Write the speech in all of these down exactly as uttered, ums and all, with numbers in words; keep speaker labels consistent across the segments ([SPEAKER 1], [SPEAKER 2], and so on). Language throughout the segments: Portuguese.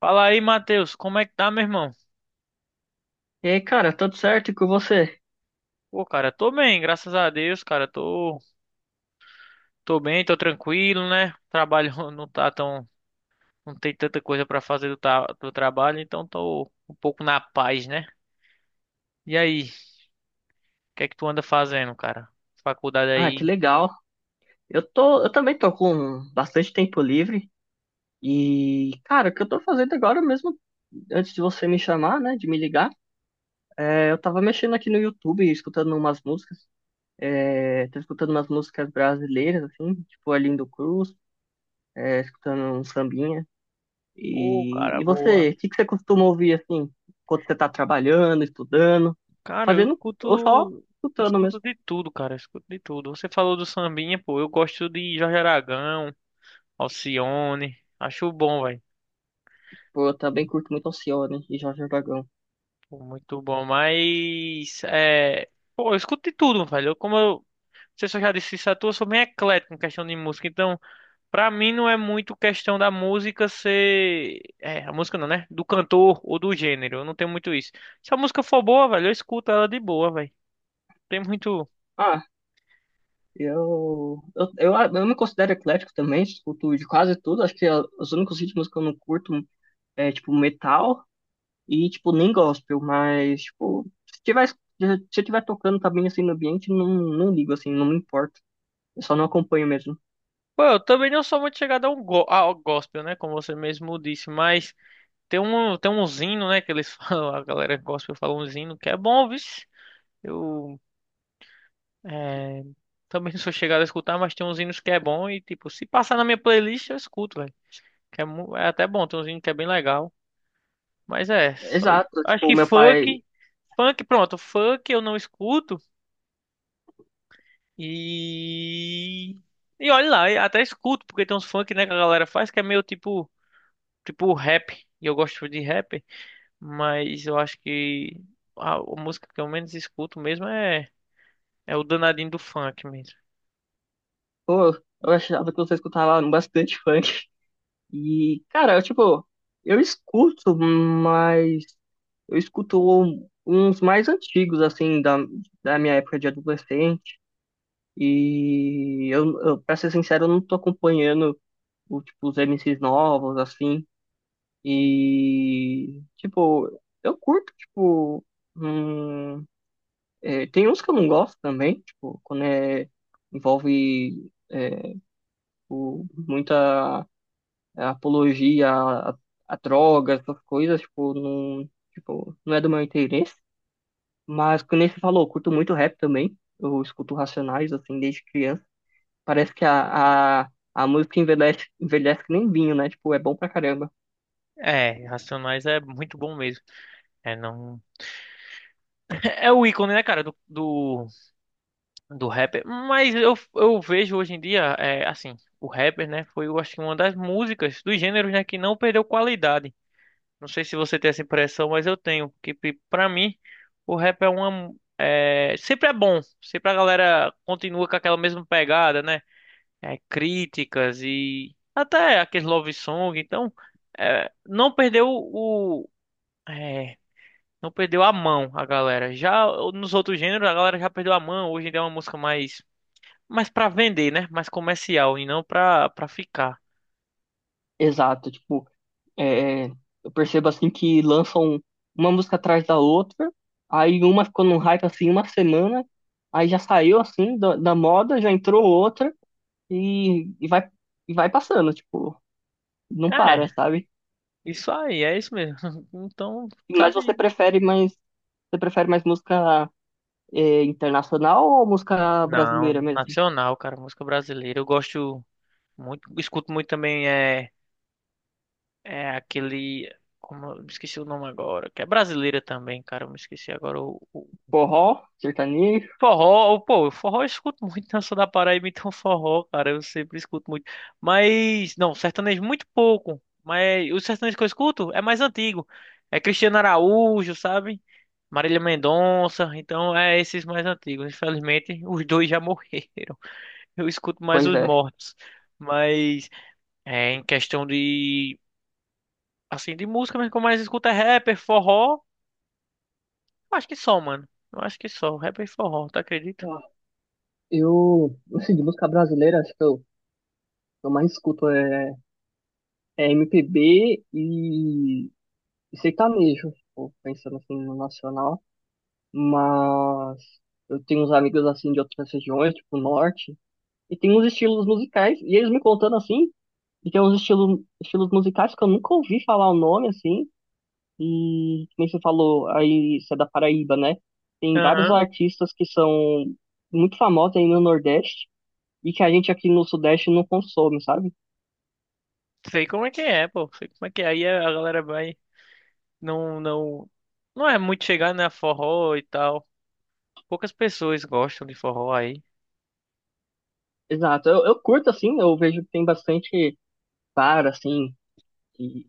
[SPEAKER 1] Fala aí, Matheus, como é que tá, meu irmão?
[SPEAKER 2] E aí, cara, tudo certo e com você?
[SPEAKER 1] Pô, cara, tô bem, graças a Deus, cara, tô, tô bem, tô tranquilo, né? Trabalho não tá tão, não tem tanta coisa pra fazer do, ta- do trabalho, então tô um pouco na paz, né? E aí, o que é que tu anda fazendo, cara? Faculdade
[SPEAKER 2] Ah, que
[SPEAKER 1] aí.
[SPEAKER 2] legal. Eu tô, eu também tô com bastante tempo livre e, cara, o que eu tô fazendo agora mesmo, antes de você me chamar, né, de me ligar, é, eu tava mexendo aqui no YouTube, escutando umas músicas, é, tô escutando umas músicas brasileiras, assim, tipo Arlindo Cruz, é, escutando um sambinha.
[SPEAKER 1] Ô,
[SPEAKER 2] E,
[SPEAKER 1] cara,
[SPEAKER 2] e
[SPEAKER 1] boa.
[SPEAKER 2] você, o que que você costuma ouvir, assim, quando você tá trabalhando, estudando,
[SPEAKER 1] Cara, eu
[SPEAKER 2] fazendo,
[SPEAKER 1] escuto,
[SPEAKER 2] ou só
[SPEAKER 1] eu
[SPEAKER 2] escutando
[SPEAKER 1] escuto
[SPEAKER 2] mesmo?
[SPEAKER 1] de tudo, cara, eu escuto de tudo. Você falou do sambinha, pô, eu gosto de Jorge Aragão, Alcione, acho bom, velho.
[SPEAKER 2] Pô, eu também curto muito Alcione e Jorge Aragão.
[SPEAKER 1] Pô, muito bom, mas é, pô, eu escuto de tudo, velho. Como eu, você só já disse isso à toa, eu sou bem eclético em questão de música. Então, pra mim não é muito questão da música ser, é, a música não, né? Do cantor ou do gênero. Eu não tenho muito isso. Se a música for boa, velho, eu escuto ela de boa, velho. Tem muito.
[SPEAKER 2] Ah, eu, eu, eu, eu me considero eclético também, escuto de quase tudo. Acho que a- os únicos ritmos que eu não curto é, tipo, metal e, tipo, nem gospel. Mas, tipo, se tiver, se eu tiver tocando também, assim, no ambiente, não, não ligo, assim, não me importo. Eu só não acompanho mesmo.
[SPEAKER 1] Pô, eu também não sou muito chegado ao, go ao gospel, né? Como você mesmo disse, mas tem um, tem um hino, né? Que eles falam, a galera gospel fala um hino que é bom, viu? Eu É, Também não sou chegado a escutar, mas tem uns hinos que é bom e, tipo, se passar na minha playlist, eu escuto, velho. Que é, mu- é até bom, tem uns hinos que é bem legal. Mas é, só isso.
[SPEAKER 2] Exato,
[SPEAKER 1] Acho
[SPEAKER 2] tipo, o
[SPEAKER 1] que
[SPEAKER 2] meu pai...
[SPEAKER 1] funk, funk, pronto, funk eu não escuto e... E olha lá, eu até escuto, porque tem uns funk, né, que a galera faz que é meio tipo, tipo rap, e eu gosto de rap, mas eu acho que a, a música que eu menos escuto mesmo é, é o danadinho do funk mesmo.
[SPEAKER 2] Pô, eu achava que você escutava bastante funk. E, cara, eu, tipo, eu escuto, mas eu escuto uns mais antigos, assim, da, da minha época de adolescente. E eu, eu, pra ser sincero, eu não tô acompanhando o, tipo, os M Cs novos, assim. E, tipo, eu curto, tipo. hum, é, tem uns que eu não gosto também, tipo, quando é, envolve é, o, muita. A apologia a, a drogas, essas coisas, tipo, não, tipo, não é do meu interesse. Mas, como você falou, eu curto muito rap também. Eu escuto Racionais, assim, desde criança. Parece que a, a, a música envelhece, envelhece que nem vinho, né? Tipo, é bom pra caramba.
[SPEAKER 1] É, Racionais é muito bom mesmo. É, não... é o ícone, né, cara, do, do, do rapper. Mas eu, eu vejo hoje em dia, é, assim, o rapper, né, foi, eu acho que uma das músicas, dos gêneros, né, que não perdeu qualidade. Não sei se você tem essa impressão, mas eu tenho. Que pe- pra mim, o rap é uma. É, sempre é bom. Sempre a galera continua com aquela mesma pegada, né? É, críticas e até aqueles love song. Então, é, não perdeu o. é, Não perdeu a mão a galera. Já nos outros gêneros, a galera já perdeu a mão. Hoje em dia é uma música mais, mais para vender, né? Mais comercial e não pra, para ficar.
[SPEAKER 2] Exato, tipo, é, eu percebo, assim, que lançam uma música atrás da outra. Aí uma ficou num hype, assim, uma semana. Aí já saiu, assim, da, da moda, já entrou outra. E, e vai, e vai passando, tipo... não
[SPEAKER 1] É,
[SPEAKER 2] para, sabe?
[SPEAKER 1] isso aí, é isso mesmo. Então,
[SPEAKER 2] Mas você
[SPEAKER 1] sabe?
[SPEAKER 2] prefere mais, Você prefere mais música eh, internacional ou música
[SPEAKER 1] Não,
[SPEAKER 2] brasileira mesmo?
[SPEAKER 1] nacional, cara, música brasileira. Eu gosto muito, escuto muito também é, é aquele. Como eu me esqueci o nome agora, que é brasileira também, cara. Eu me esqueci agora o,
[SPEAKER 2] Forró, sertanejo?
[SPEAKER 1] Forró, pô, forró eu escuto muito, né? Eu sou da Paraíba, então forró, cara, eu sempre escuto muito. Mas, não, sertanejo muito pouco. Mas o sertanejo que eu escuto é mais antigo. É Cristiano Araújo, sabe? Marília Mendonça, então é esses mais antigos. Infelizmente, os dois já morreram. Eu escuto mais
[SPEAKER 2] Pois
[SPEAKER 1] os
[SPEAKER 2] é.
[SPEAKER 1] mortos. Mas, é, em questão de, assim, de música, mas que eu mais escuto é rapper, forró. Eu acho que só, mano. Eu acho que só, rapper e forró, tá acredito?
[SPEAKER 2] Ah, eu, assim, de música brasileira, acho que eu, eu mais escuto é, é M P B e, e sertanejo, tipo, pensando assim no nacional. Mas eu tenho uns amigos assim de outras regiões, tipo norte, e tem uns estilos musicais, e eles me contando assim. E tem uns estilos, estilos musicais que eu nunca ouvi falar o nome, assim. E, como você falou, aí você é da Paraíba, né? Tem vários artistas que são muito famosos aí no Nordeste e que a gente aqui no Sudeste não consome, sabe?
[SPEAKER 1] Sei como é que é, pô. Sei como é que é. Aí a galera vai. Não, não. Não é muito chegar na forró e tal. Poucas pessoas gostam de forró aí.
[SPEAKER 2] Exato. Eu, eu curto, assim, eu vejo que tem bastante para, assim, que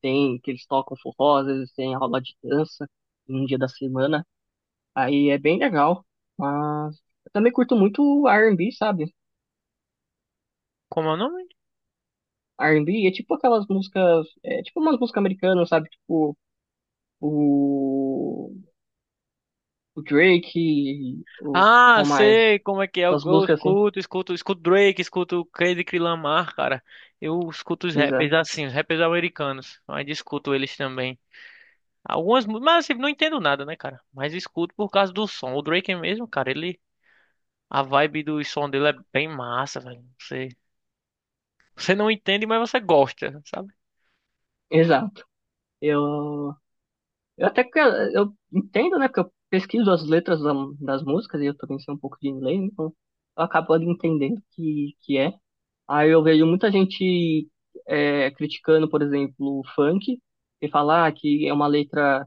[SPEAKER 2] tem, que eles tocam forró, às vezes tem aula de dança em um dia da semana. Aí é bem legal. Mas eu também curto muito o R and B, sabe?
[SPEAKER 1] Como é o nome?
[SPEAKER 2] R and B é tipo aquelas músicas, é tipo umas músicas americanas, sabe? Tipo o, o Drake, o
[SPEAKER 1] Ah,
[SPEAKER 2] qual mais?
[SPEAKER 1] sei como é que é. Eu,
[SPEAKER 2] Essas
[SPEAKER 1] eu
[SPEAKER 2] músicas assim.
[SPEAKER 1] escuto, escuto, escuto, Drake, escuto Kendrick Lamar, cara. Eu escuto os
[SPEAKER 2] Exa-
[SPEAKER 1] rappers assim, os rappers americanos. Mas escuto eles também. Algumas, mu- mas assim, não entendo nada, né, cara? Mas escuto por causa do som. O Drake mesmo, cara, ele. A vibe do som dele é bem massa, velho. Você, você não entende, mas você gosta, sabe?
[SPEAKER 2] Exato. Eu, eu até que eu entendo, né? Porque eu pesquiso as letras da- das músicas e eu também sei um pouco de inglês, então eu acabo ali entendendo que que é. Aí eu vejo muita gente é, criticando, por exemplo, o funk e falar que é uma letra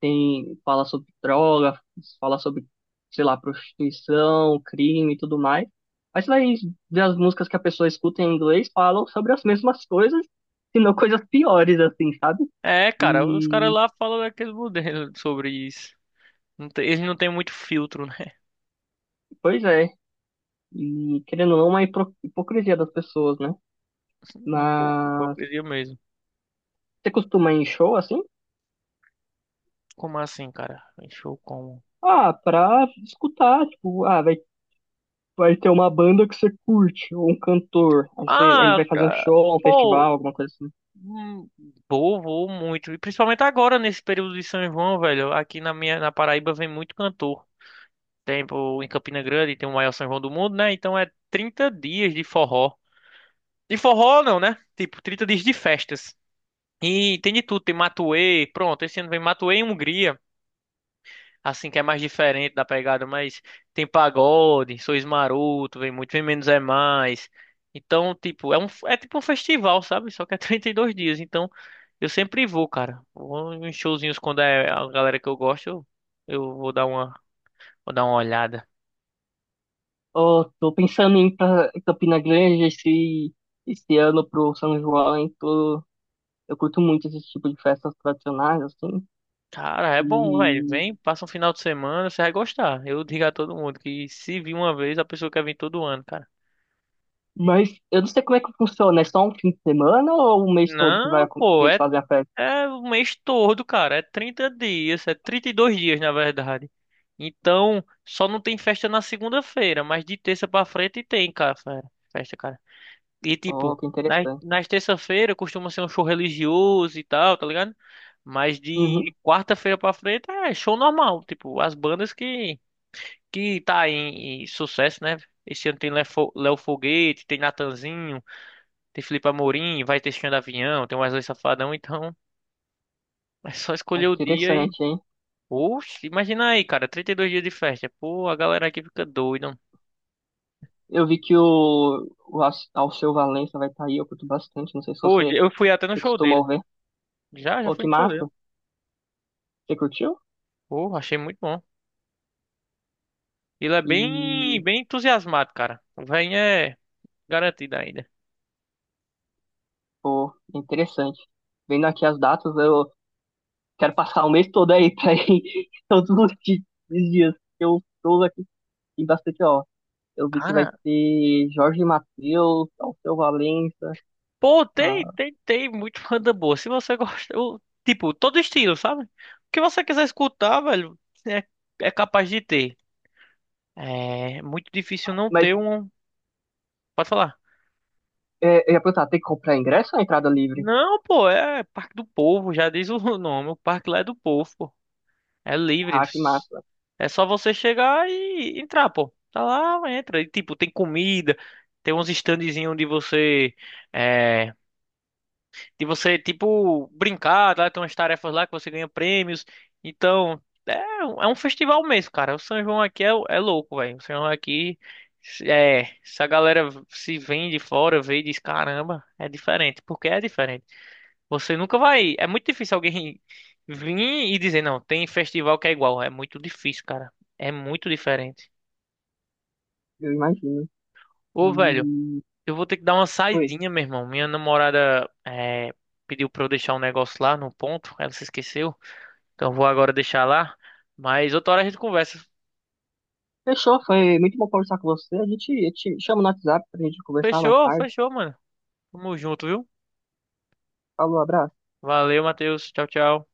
[SPEAKER 2] tem fala sobre droga, fala sobre, sei lá, prostituição, crime e tudo mais. Mas você vai ver as músicas que a pessoa escuta em inglês falam sobre as mesmas coisas, se não coisas piores, assim, sabe?
[SPEAKER 1] É, cara, os caras
[SPEAKER 2] E,
[SPEAKER 1] lá falam daquele modelos sobre isso. Não tem- Eles não têm muito filtro, né?
[SPEAKER 2] pois é, e querendo ou não, é uma hipro- hipocrisia das pessoas, né?
[SPEAKER 1] Um pouco,
[SPEAKER 2] Mas
[SPEAKER 1] hipocrisia mesmo.
[SPEAKER 2] você costuma ir em show, assim?
[SPEAKER 1] Como assim, cara? Show como?
[SPEAKER 2] Ah, pra escutar, tipo, ah, vai, vai ter uma banda que você curte, ou um cantor, aí você, ele
[SPEAKER 1] Ah,
[SPEAKER 2] vai fazer um
[SPEAKER 1] cara,
[SPEAKER 2] show, um festival,
[SPEAKER 1] pô,
[SPEAKER 2] alguma coisa assim.
[SPEAKER 1] hum, vou, vou muito. E principalmente agora, nesse período de São João, velho. Aqui na minha, na Paraíba vem muito cantor. Tem, pô, em Campina Grande, tem o maior São João do mundo, né? Então é trinta dias de forró. De forró não, né? Tipo, trinta dias de festas. E tem de tudo, tem Matuê, pronto, esse ano vem Matuê em Hungria, assim que é mais diferente da pegada, mas tem pagode, Sois Maroto, vem muito, vem Menos é Mais. Então, tipo, é um é tipo um festival, sabe? Só que é trinta e dois dias. Então, eu sempre vou, cara. Vou em showzinhos quando é a galera que eu gosto, eu, eu vou dar uma vou dar uma olhada.
[SPEAKER 2] Oh, tô pensando em ir pra Campina Grande esse, esse ano pro São João, hein? Tô, eu curto muito esse tipo de festas tradicionais, assim.
[SPEAKER 1] Cara, é bom, velho.
[SPEAKER 2] E...
[SPEAKER 1] Vem, passa um final de semana, você vai gostar. Eu digo a todo mundo que se vir uma vez, a pessoa quer vir todo ano, cara.
[SPEAKER 2] Mas eu não sei como é que funciona, é só um fim de semana ou o mês todo que vai
[SPEAKER 1] Não,
[SPEAKER 2] acon- que
[SPEAKER 1] pô,
[SPEAKER 2] eles
[SPEAKER 1] é
[SPEAKER 2] fazem a festa?
[SPEAKER 1] É o mês todo, cara. É trinta dias, é trinta e dois dias, na verdade. Então, só não tem festa na segunda-feira, mas de terça pra frente tem, cara, fe- festa, cara. E tipo,
[SPEAKER 2] Oh, que
[SPEAKER 1] nas,
[SPEAKER 2] interessante.
[SPEAKER 1] nas terça-feira costuma ser um show religioso e tal, tá ligado? Mas
[SPEAKER 2] Uhum,
[SPEAKER 1] de quarta-feira pra frente é show normal, tipo, as bandas que que tá em, em sucesso, né? Esse ano tem Léo Fo- Léo Foguete, tem Natanzinho, tem Felipe Amorim, vai ter Xand Avião, tem Wesley Safadão, então é só
[SPEAKER 2] é
[SPEAKER 1] escolher o dia
[SPEAKER 2] interessante, hein?
[SPEAKER 1] Oxe, imagina aí, cara, trinta e dois dias de festa. Pô, a galera aqui fica doida.
[SPEAKER 2] Eu vi que o, o Al- Alceu Valença vai estar aí, eu curto bastante. Não sei se
[SPEAKER 1] Pô,
[SPEAKER 2] você,
[SPEAKER 1] eu fui até no
[SPEAKER 2] você
[SPEAKER 1] show
[SPEAKER 2] costuma
[SPEAKER 1] dele.
[SPEAKER 2] ouvir.
[SPEAKER 1] Já, já
[SPEAKER 2] Oh,
[SPEAKER 1] fui
[SPEAKER 2] que
[SPEAKER 1] no show dele.
[SPEAKER 2] massa! Você curtiu?
[SPEAKER 1] Pô, achei muito bom. Ele é bem,
[SPEAKER 2] E,
[SPEAKER 1] bem entusiasmado, cara. O velhinho é garantido ainda.
[SPEAKER 2] pô, interessante. Vendo aqui as datas, eu, quero passar o mês todo aí pra ir todos os di- os dias. Eu estou aqui em bastante, ó. Eu vi que vai
[SPEAKER 1] Cara,
[SPEAKER 2] ter Jorge Mateus, Alceu Valença.
[SPEAKER 1] pô, tem,
[SPEAKER 2] Ah,
[SPEAKER 1] tem, tem muito banda boa. Se você gosta, eu- tipo, todo estilo, sabe? O que você quiser escutar, velho, é, é capaz de ter. É muito difícil não
[SPEAKER 2] mas
[SPEAKER 1] ter um. Pode falar.
[SPEAKER 2] é, eu ia perguntar, tem que comprar ingresso ou é entrada livre?
[SPEAKER 1] Não, pô, é Parque do Povo, já diz o nome. O parque lá é do povo. É livre.
[SPEAKER 2] Ah, que massa.
[SPEAKER 1] É só você chegar e entrar, pô. Tá lá, entra. E, tipo, tem comida, tem uns standzinhos de você, é, de você, tipo, brincar, tá? Tem umas tarefas lá que você ganha prêmios. Então, é, um- é um festival mesmo, cara. O São João aqui é, é louco, velho. O São João aqui, se- é, se a galera se vem de fora, vê e diz, caramba, é diferente. Porque é diferente. Você nunca vai. É muito difícil alguém vir e dizer, não, tem festival que é igual. É muito difícil, cara. É muito diferente.
[SPEAKER 2] Eu imagino.
[SPEAKER 1] Ô, velho,
[SPEAKER 2] E
[SPEAKER 1] eu vou ter que dar uma
[SPEAKER 2] foi.
[SPEAKER 1] saidinha, meu irmão. Minha namorada é, pediu pra eu deixar um negócio lá no ponto. Ela se esqueceu. Então eu vou agora deixar lá. Mas outra hora a gente conversa.
[SPEAKER 2] Fechou, foi muito bom conversar com você. A gente, eu te chama no WhatsApp pra gente conversar mais
[SPEAKER 1] Fechou,
[SPEAKER 2] tarde.
[SPEAKER 1] fechou, mano. Tamo junto, viu?
[SPEAKER 2] Falou, abraço.
[SPEAKER 1] Valeu, Matheus. Tchau, tchau.